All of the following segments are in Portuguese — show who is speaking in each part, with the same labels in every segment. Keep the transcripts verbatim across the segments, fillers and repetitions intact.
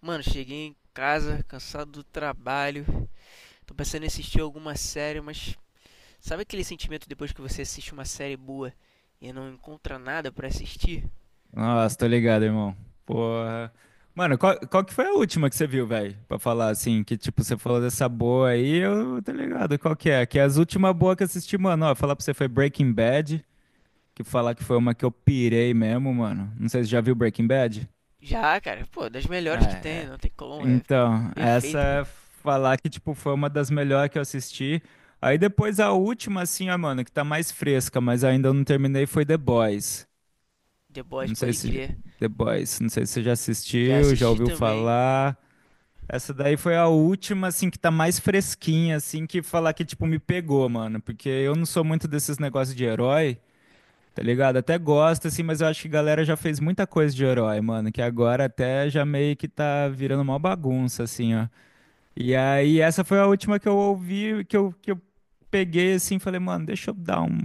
Speaker 1: Mano, cheguei em casa, cansado do trabalho. Tô pensando em assistir alguma série, mas sabe aquele sentimento depois que você assiste uma série boa e não encontra nada pra assistir?
Speaker 2: Nossa, tô ligado, irmão. Porra. Mano, qual, qual que foi a última que você viu, velho? Pra falar assim, que tipo, você falou dessa boa aí, eu tô ligado. Qual que é? Que é as últimas boas que eu assisti, mano, ó, falar pra você foi Breaking Bad, que falar que foi uma que eu pirei mesmo, mano. Não sei se você já viu Breaking Bad.
Speaker 1: Já, cara, pô, das melhores que tem,
Speaker 2: É, é.
Speaker 1: não tem como, é
Speaker 2: Então, essa
Speaker 1: perfeita.
Speaker 2: é falar que tipo foi uma das melhores que eu assisti. Aí depois a última assim, ó, mano, que tá mais fresca, mas ainda eu não terminei foi The Boys.
Speaker 1: The Boys,
Speaker 2: Não sei
Speaker 1: pode
Speaker 2: se
Speaker 1: crer.
Speaker 2: The Boys, não sei se você já
Speaker 1: Já
Speaker 2: assistiu, já
Speaker 1: assisti
Speaker 2: ouviu
Speaker 1: também.
Speaker 2: falar. Essa daí foi a última, assim, que tá mais fresquinha, assim, que falar que, tipo, me pegou, mano. Porque eu não sou muito desses negócios de herói, tá ligado? Até gosto, assim, mas eu acho que a galera já fez muita coisa de herói, mano. Que agora até já meio que tá virando uma bagunça, assim, ó. E aí, essa foi a última que eu ouvi, que eu, que eu peguei, assim, falei, mano, deixa eu dar um.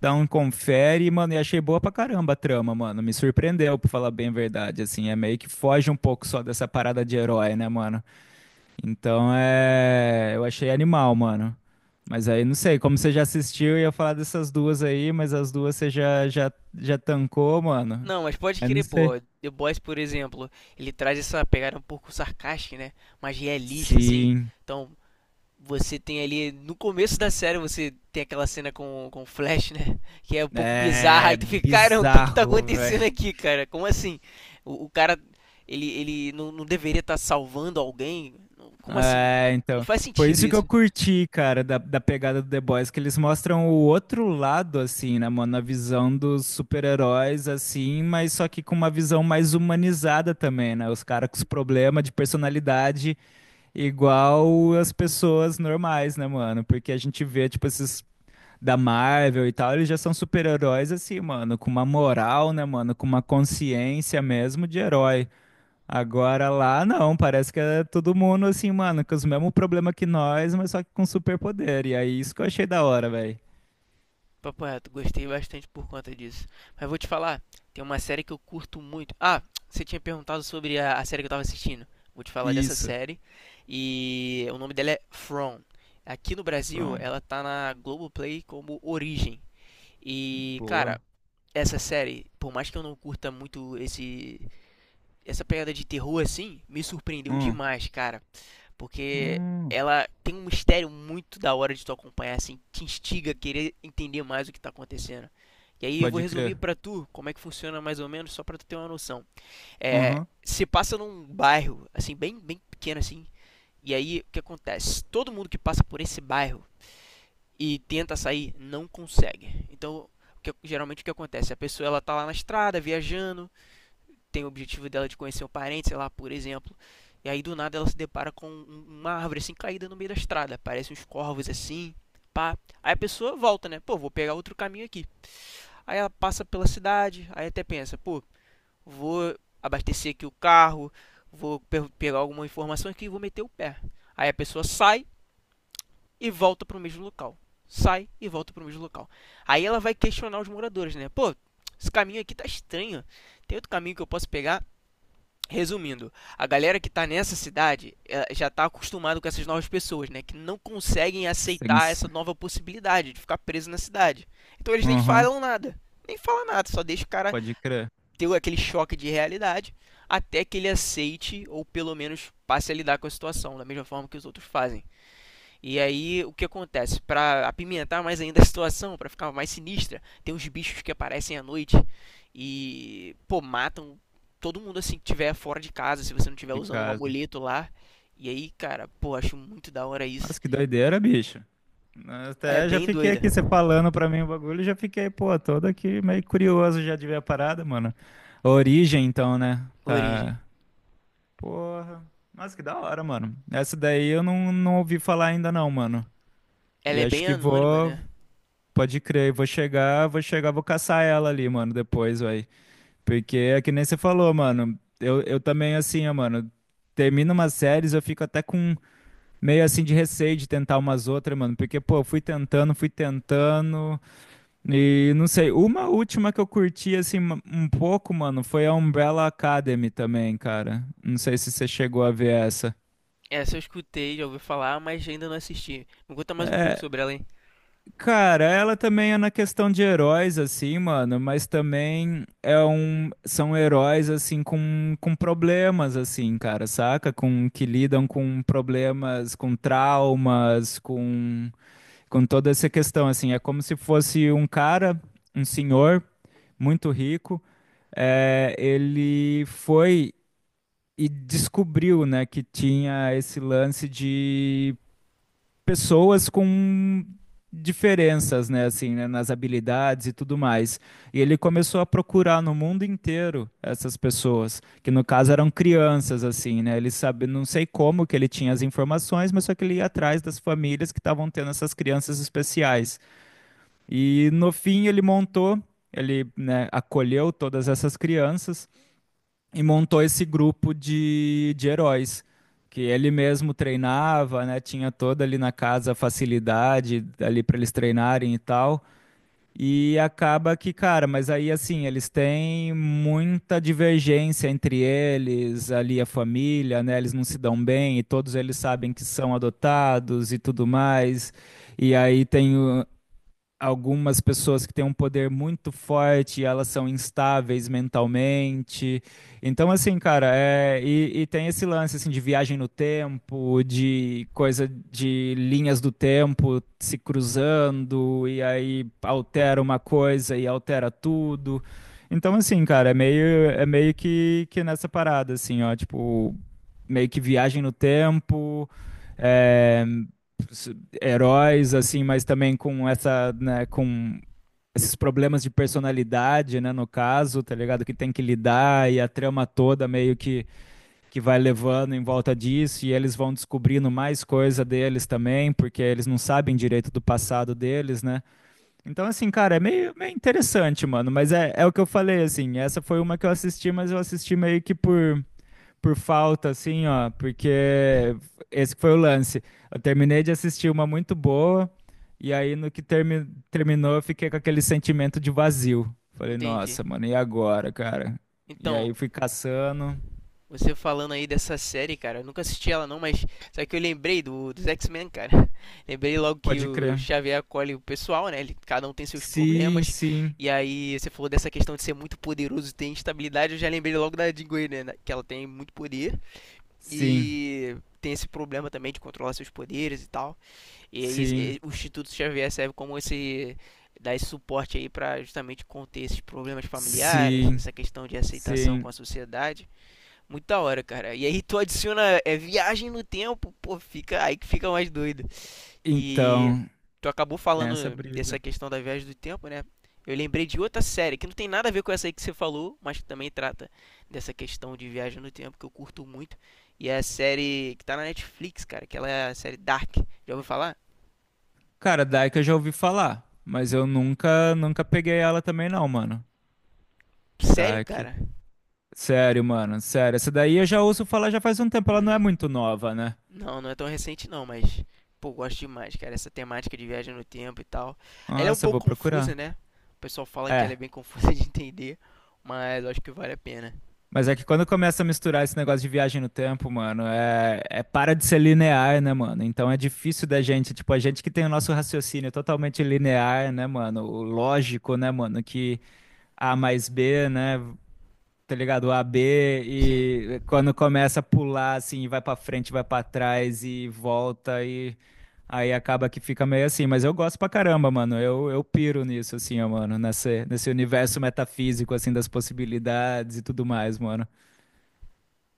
Speaker 2: Dá um confere, mano, e achei boa pra caramba a trama, mano. Me surpreendeu, pra falar bem a verdade, assim. É meio que foge um pouco só dessa parada de herói, né, mano? Então é. Eu achei animal, mano. Mas aí não sei, como você já assistiu, eu ia falar dessas duas aí, mas as duas você já, já, já tancou, mano.
Speaker 1: Não, mas pode
Speaker 2: Eu não
Speaker 1: crer,
Speaker 2: sei.
Speaker 1: pô. The Boys, por exemplo, ele traz essa pegada um pouco sarcástica, né? Mais realista, assim.
Speaker 2: Sim.
Speaker 1: Então, você tem ali, no começo da série, você tem aquela cena com, com o Flash, né? Que é um pouco bizarra.
Speaker 2: É
Speaker 1: E tu fica, cara, o que que tá
Speaker 2: bizarro,
Speaker 1: acontecendo
Speaker 2: velho.
Speaker 1: aqui, cara? Como assim? O, o cara, ele, ele não, não deveria estar salvando alguém? Como assim?
Speaker 2: É,
Speaker 1: Não
Speaker 2: então.
Speaker 1: faz
Speaker 2: Foi
Speaker 1: sentido
Speaker 2: isso que eu
Speaker 1: isso.
Speaker 2: curti, cara, da, da pegada do The Boys, que eles mostram o outro lado, assim, né, mano? A visão dos super-heróis, assim, mas só que com uma visão mais humanizada também, né? Os caras com os problemas de personalidade igual as pessoas normais, né, mano? Porque a gente vê, tipo, esses da Marvel e tal, eles já são super-heróis, assim, mano, com uma moral, né, mano? Com uma consciência mesmo de herói. Agora lá não, parece que é todo mundo assim, mano, com os mesmos problemas que nós, mas só que com superpoder. E aí isso que eu achei da hora, velho.
Speaker 1: Papo reto, gostei bastante por conta disso. Mas vou te falar, tem uma série que eu curto muito. Ah, você tinha perguntado sobre a, a série que eu tava assistindo. Vou te falar dessa
Speaker 2: Isso.
Speaker 1: série. E o nome dela é From. Aqui no Brasil,
Speaker 2: From.
Speaker 1: ela tá na Globoplay como Origem. E, cara,
Speaker 2: Boa.
Speaker 1: essa série, por mais que eu não curta muito esse essa pegada de terror assim, me surpreendeu
Speaker 2: Hum.
Speaker 1: demais, cara. Porque
Speaker 2: Hum.
Speaker 1: ela tem um mistério muito da hora de tu acompanhar, assim, te instiga a querer entender mais o que tá acontecendo. E aí eu vou
Speaker 2: Pode crer.
Speaker 1: resumir pra tu como é que funciona mais ou menos, só pra tu ter uma noção. É,
Speaker 2: Uhum.
Speaker 1: se passa num bairro, assim, bem, bem pequeno assim, e aí o que acontece? Todo mundo que passa por esse bairro e tenta sair não consegue. Então, o que- geralmente o que acontece? A pessoa, ela tá lá na estrada, viajando, tem o objetivo dela de conhecer um parente, sei lá, por exemplo. E aí do nada ela se depara com um- uma árvore assim caída no meio da estrada. Aparecem uns corvos assim, pá. Aí a pessoa volta, né? Pô, vou pegar outro caminho aqui. Aí ela passa pela cidade, aí até pensa, pô, vou abastecer aqui o carro, vou pe- pegar alguma informação aqui e vou meter o pé. Aí a pessoa sai e volta pro mesmo local. Sai e volta pro mesmo local. Aí ela vai questionar os moradores, né? Pô, esse caminho aqui tá estranho. Tem outro caminho que eu posso pegar? Resumindo, a galera que tá nessa cidade eh, já tá acostumado com essas novas pessoas, né? Que não conseguem aceitar
Speaker 2: Strings.
Speaker 1: essa nova possibilidade de ficar preso na cidade. Então eles nem
Speaker 2: Uhum.
Speaker 1: falam nada. Nem falam nada, só deixa o cara
Speaker 2: Pode crer.
Speaker 1: ter aquele choque de realidade até que ele aceite ou pelo menos passe a lidar com a situação, da mesma forma que os outros fazem. E aí, o que acontece? Para apimentar mais ainda a situação, para ficar mais sinistra, tem uns bichos que aparecem à noite e, pô, matam todo mundo assim que tiver fora de casa, se você não tiver
Speaker 2: De
Speaker 1: usando um
Speaker 2: casa.
Speaker 1: amuleto lá. E aí, cara, pô, acho muito da hora isso.
Speaker 2: Nossa, que doideira, bicho.
Speaker 1: É
Speaker 2: Até já
Speaker 1: bem
Speaker 2: fiquei
Speaker 1: doida,
Speaker 2: aqui, você falando pra mim o bagulho, já fiquei, pô, todo aqui meio curioso já de ver a parada, mano. A origem, então, né?
Speaker 1: Origem.
Speaker 2: Tá. Porra. Nossa, que da hora, mano. Essa daí eu não, não ouvi falar ainda não, mano.
Speaker 1: Ela
Speaker 2: E
Speaker 1: é
Speaker 2: acho
Speaker 1: bem
Speaker 2: que
Speaker 1: anônima,
Speaker 2: vou,
Speaker 1: né?
Speaker 2: pode crer, vou chegar, vou chegar, vou caçar ela ali, mano, depois, vai. Porque é que nem você falou, mano. Eu, eu também, assim, ó, mano, termino umas séries, eu fico até com meio assim de receio de tentar umas outras, mano. Porque, pô, eu fui tentando, fui tentando. E não sei, uma última que eu curti, assim, um um pouco, mano, foi a Umbrella Academy também, cara. Não sei se você chegou a ver essa.
Speaker 1: Essa eu escutei, já ouvi falar, mas ainda não assisti. Me conta mais um pouco sobre ela, hein?
Speaker 2: Cara, ela também é na questão de heróis, assim, mano, mas também é um, são heróis, assim, com, com problemas, assim, cara, saca? Com, que lidam com problemas, com traumas, com, com toda essa questão, assim. É como se fosse um cara, um senhor, muito rico, é, ele foi e descobriu, né, que tinha esse lance de pessoas com diferenças, né, assim, né, nas habilidades e tudo mais. E ele começou a procurar no mundo inteiro essas pessoas, que no caso eram crianças, assim, né? Ele sabe, não sei como que ele tinha as informações, mas só que ele ia atrás das famílias que estavam tendo essas crianças especiais. E no fim ele montou, ele, né, acolheu todas essas crianças e montou esse grupo de, de heróis, que ele mesmo treinava, né? Tinha toda ali na casa a facilidade ali para eles treinarem e tal. E acaba que, cara, mas aí assim, eles têm muita divergência entre eles, ali a família, né? Eles não se dão bem e todos eles sabem que são adotados e tudo mais. E aí tem o- algumas pessoas que têm um poder muito forte, elas são instáveis mentalmente. Então, assim, cara, é, e, e tem esse lance assim, de viagem no tempo, de coisa de linhas do tempo se cruzando, e aí altera uma coisa e altera tudo. Então, assim, cara, é meio, é meio que, que nessa parada, assim, ó, tipo, meio que viagem no tempo, é, heróis, assim, mas também com essa, né, com esses problemas de personalidade, né, no caso, tá ligado? Que tem que lidar e a trama toda meio que, que vai levando em volta disso e eles vão descobrindo mais coisa deles também, porque eles não sabem direito do passado deles, né? Então, assim, cara, é meio, meio interessante, mano, mas é, é o que eu falei, assim, essa foi uma que eu assisti, mas eu assisti meio que por por falta, assim, ó, porque esse que foi o lance. Eu terminei de assistir uma muito boa, e aí no que termi- terminou, eu fiquei com aquele sentimento de vazio. Falei,
Speaker 1: Entendi.
Speaker 2: nossa, mano, e agora, cara? E
Speaker 1: Então,
Speaker 2: aí fui caçando.
Speaker 1: você falando aí dessa série, cara, eu nunca assisti ela não, mas só que eu lembrei do, dos X-Men, cara. Lembrei logo que
Speaker 2: Pode
Speaker 1: o
Speaker 2: crer.
Speaker 1: Xavier acolhe o pessoal, né? Ele- cada um tem seus
Speaker 2: Sim,
Speaker 1: problemas.
Speaker 2: sim,
Speaker 1: E aí você falou dessa questão de ser muito poderoso, e ter instabilidade, eu já lembrei logo da Jean Grey, né? da- Que ela tem muito poder
Speaker 2: sim,
Speaker 1: e tem esse problema também de controlar seus poderes e tal. E aí
Speaker 2: sim,
Speaker 1: e- o Instituto Xavier serve como esse dar esse suporte aí pra justamente conter esses problemas familiares,
Speaker 2: sim,
Speaker 1: essa questão de aceitação
Speaker 2: sim.
Speaker 1: com a sociedade. Muito da hora, cara. E aí tu adiciona é viagem no tempo, pô, fica aí que fica mais doido. E
Speaker 2: Então,
Speaker 1: tu acabou
Speaker 2: tem
Speaker 1: falando
Speaker 2: essa
Speaker 1: dessa
Speaker 2: brisa.
Speaker 1: questão da viagem do tempo, né? Eu lembrei de outra série que não tem nada a ver com essa aí que você falou, mas que também trata dessa questão de viagem no tempo que eu curto muito. E é a série que tá na Netflix, cara, que ela é a série Dark. Já ouviu falar?
Speaker 2: Cara, Dark eu já ouvi falar, mas eu nunca, nunca peguei ela também não, mano.
Speaker 1: Sério,
Speaker 2: Dark.
Speaker 1: cara?
Speaker 2: Sério, mano, sério. Essa daí eu já ouço falar já faz um tempo, ela não é
Speaker 1: Hum.
Speaker 2: muito nova, né?
Speaker 1: Não, não é tão recente não, mas pô, gosto demais, cara, essa temática de viagem no tempo e tal. Ela é um
Speaker 2: Nossa, eu vou
Speaker 1: pouco confusa,
Speaker 2: procurar.
Speaker 1: né? O pessoal fala que ela é
Speaker 2: É,
Speaker 1: bem confusa de entender, mas eu acho que vale a pena.
Speaker 2: mas é que quando começa a misturar esse negócio de viagem no tempo, mano, é, é para de ser linear, né, mano? Então é difícil da gente, tipo, a gente que tem o nosso raciocínio totalmente linear, né, mano? O lógico, né, mano? Que A mais B, né? Tá ligado? O A B
Speaker 1: Sim.
Speaker 2: e quando começa a pular assim, vai pra frente, vai pra trás e volta e aí acaba que fica meio assim, mas eu gosto pra caramba, mano. Eu, eu piro nisso assim, ó, mano, nesse nesse universo metafísico assim das possibilidades e tudo mais, mano.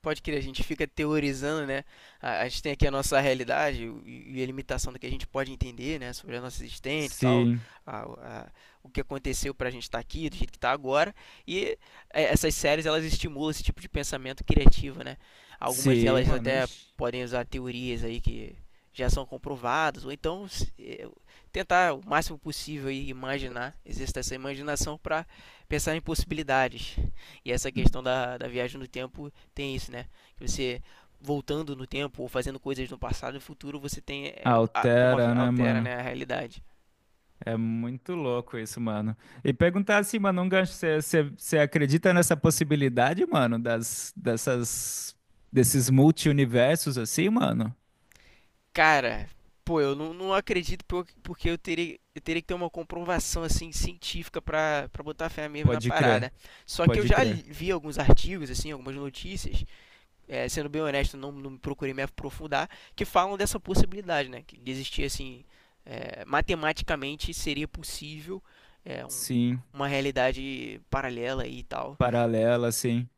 Speaker 1: Pode crer, a gente fica teorizando, né? A, a gente tem aqui a nossa realidade e, e a limitação do que a gente pode entender, né? Sobre a nossa existência e tal,
Speaker 2: Sim.
Speaker 1: a- a- o que aconteceu pra gente estar aqui, do jeito que tá agora. E é, essas séries, elas estimulam esse tipo de pensamento criativo, né? Algumas
Speaker 2: Sim,
Speaker 1: delas
Speaker 2: mano.
Speaker 1: até
Speaker 2: Ixi.
Speaker 1: podem usar teorias aí que já são comprovadas, ou então se- eh, tentar o máximo possível aí imaginar, exercitar essa imaginação para pensar em possibilidades. E essa questão da, da viagem no tempo tem isso, né? Que você voltando no tempo ou fazendo coisas no passado e no futuro, você tem é, a- como
Speaker 2: Altera, né,
Speaker 1: altera,
Speaker 2: mano?
Speaker 1: né, a realidade.
Speaker 2: É muito louco isso, mano. E perguntar assim, mano, um gancho, você acredita nessa possibilidade, mano, das, dessas, desses multi-universos assim, mano?
Speaker 1: Cara, pô, eu não, não acredito por- porque eu teria, eu teria que ter uma comprovação assim científica pra pra botar fé mesmo na
Speaker 2: Pode crer,
Speaker 1: parada. Só que eu
Speaker 2: pode
Speaker 1: já li-
Speaker 2: crer.
Speaker 1: vi alguns artigos assim, algumas notícias é, sendo bem honesto, não, não procurei me aprofundar, que falam dessa possibilidade, né? Que existia assim, é, matematicamente seria possível é, um-
Speaker 2: Sim,
Speaker 1: uma realidade paralela e tal.
Speaker 2: paralela, sim.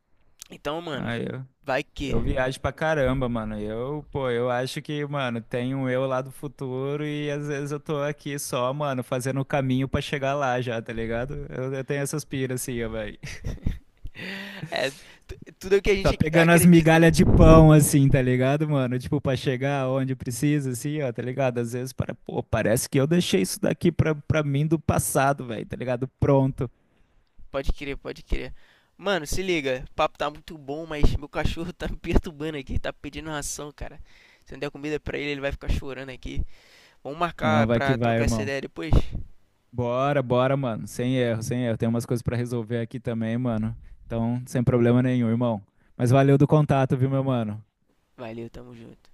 Speaker 1: Então, mano,
Speaker 2: Ah, eu,
Speaker 1: vai que.
Speaker 2: eu viajo pra caramba, mano. Eu, pô, eu acho que, mano, tem um eu lá do futuro e às vezes eu tô aqui só, mano, fazendo o caminho pra chegar lá já, tá ligado? Eu, eu tenho essas piras assim, ó,
Speaker 1: É, tudo é o que a
Speaker 2: só
Speaker 1: gente
Speaker 2: pegando as
Speaker 1: acredita, né?
Speaker 2: migalhas de pão, assim, tá ligado, mano? Tipo, pra chegar onde precisa, assim, ó, tá ligado? Às vezes, para, pô, parece que eu deixei isso daqui pra, pra mim do passado, velho, tá ligado? Pronto.
Speaker 1: Pode crer, pode crer. Mano, se liga, o papo tá muito bom, mas meu cachorro tá me perturbando aqui, tá pedindo ração, cara. Se não der comida pra ele, ele vai ficar chorando aqui. Vamos
Speaker 2: Não,
Speaker 1: marcar
Speaker 2: vai que
Speaker 1: pra
Speaker 2: vai,
Speaker 1: trocar essa
Speaker 2: irmão.
Speaker 1: ideia depois?
Speaker 2: Bora, bora, mano. Sem erro, sem erro. Tem umas coisas pra resolver aqui também, mano. Então, sem problema nenhum, irmão. Mas valeu do contato, viu, meu mano?
Speaker 1: Valeu, tamo junto.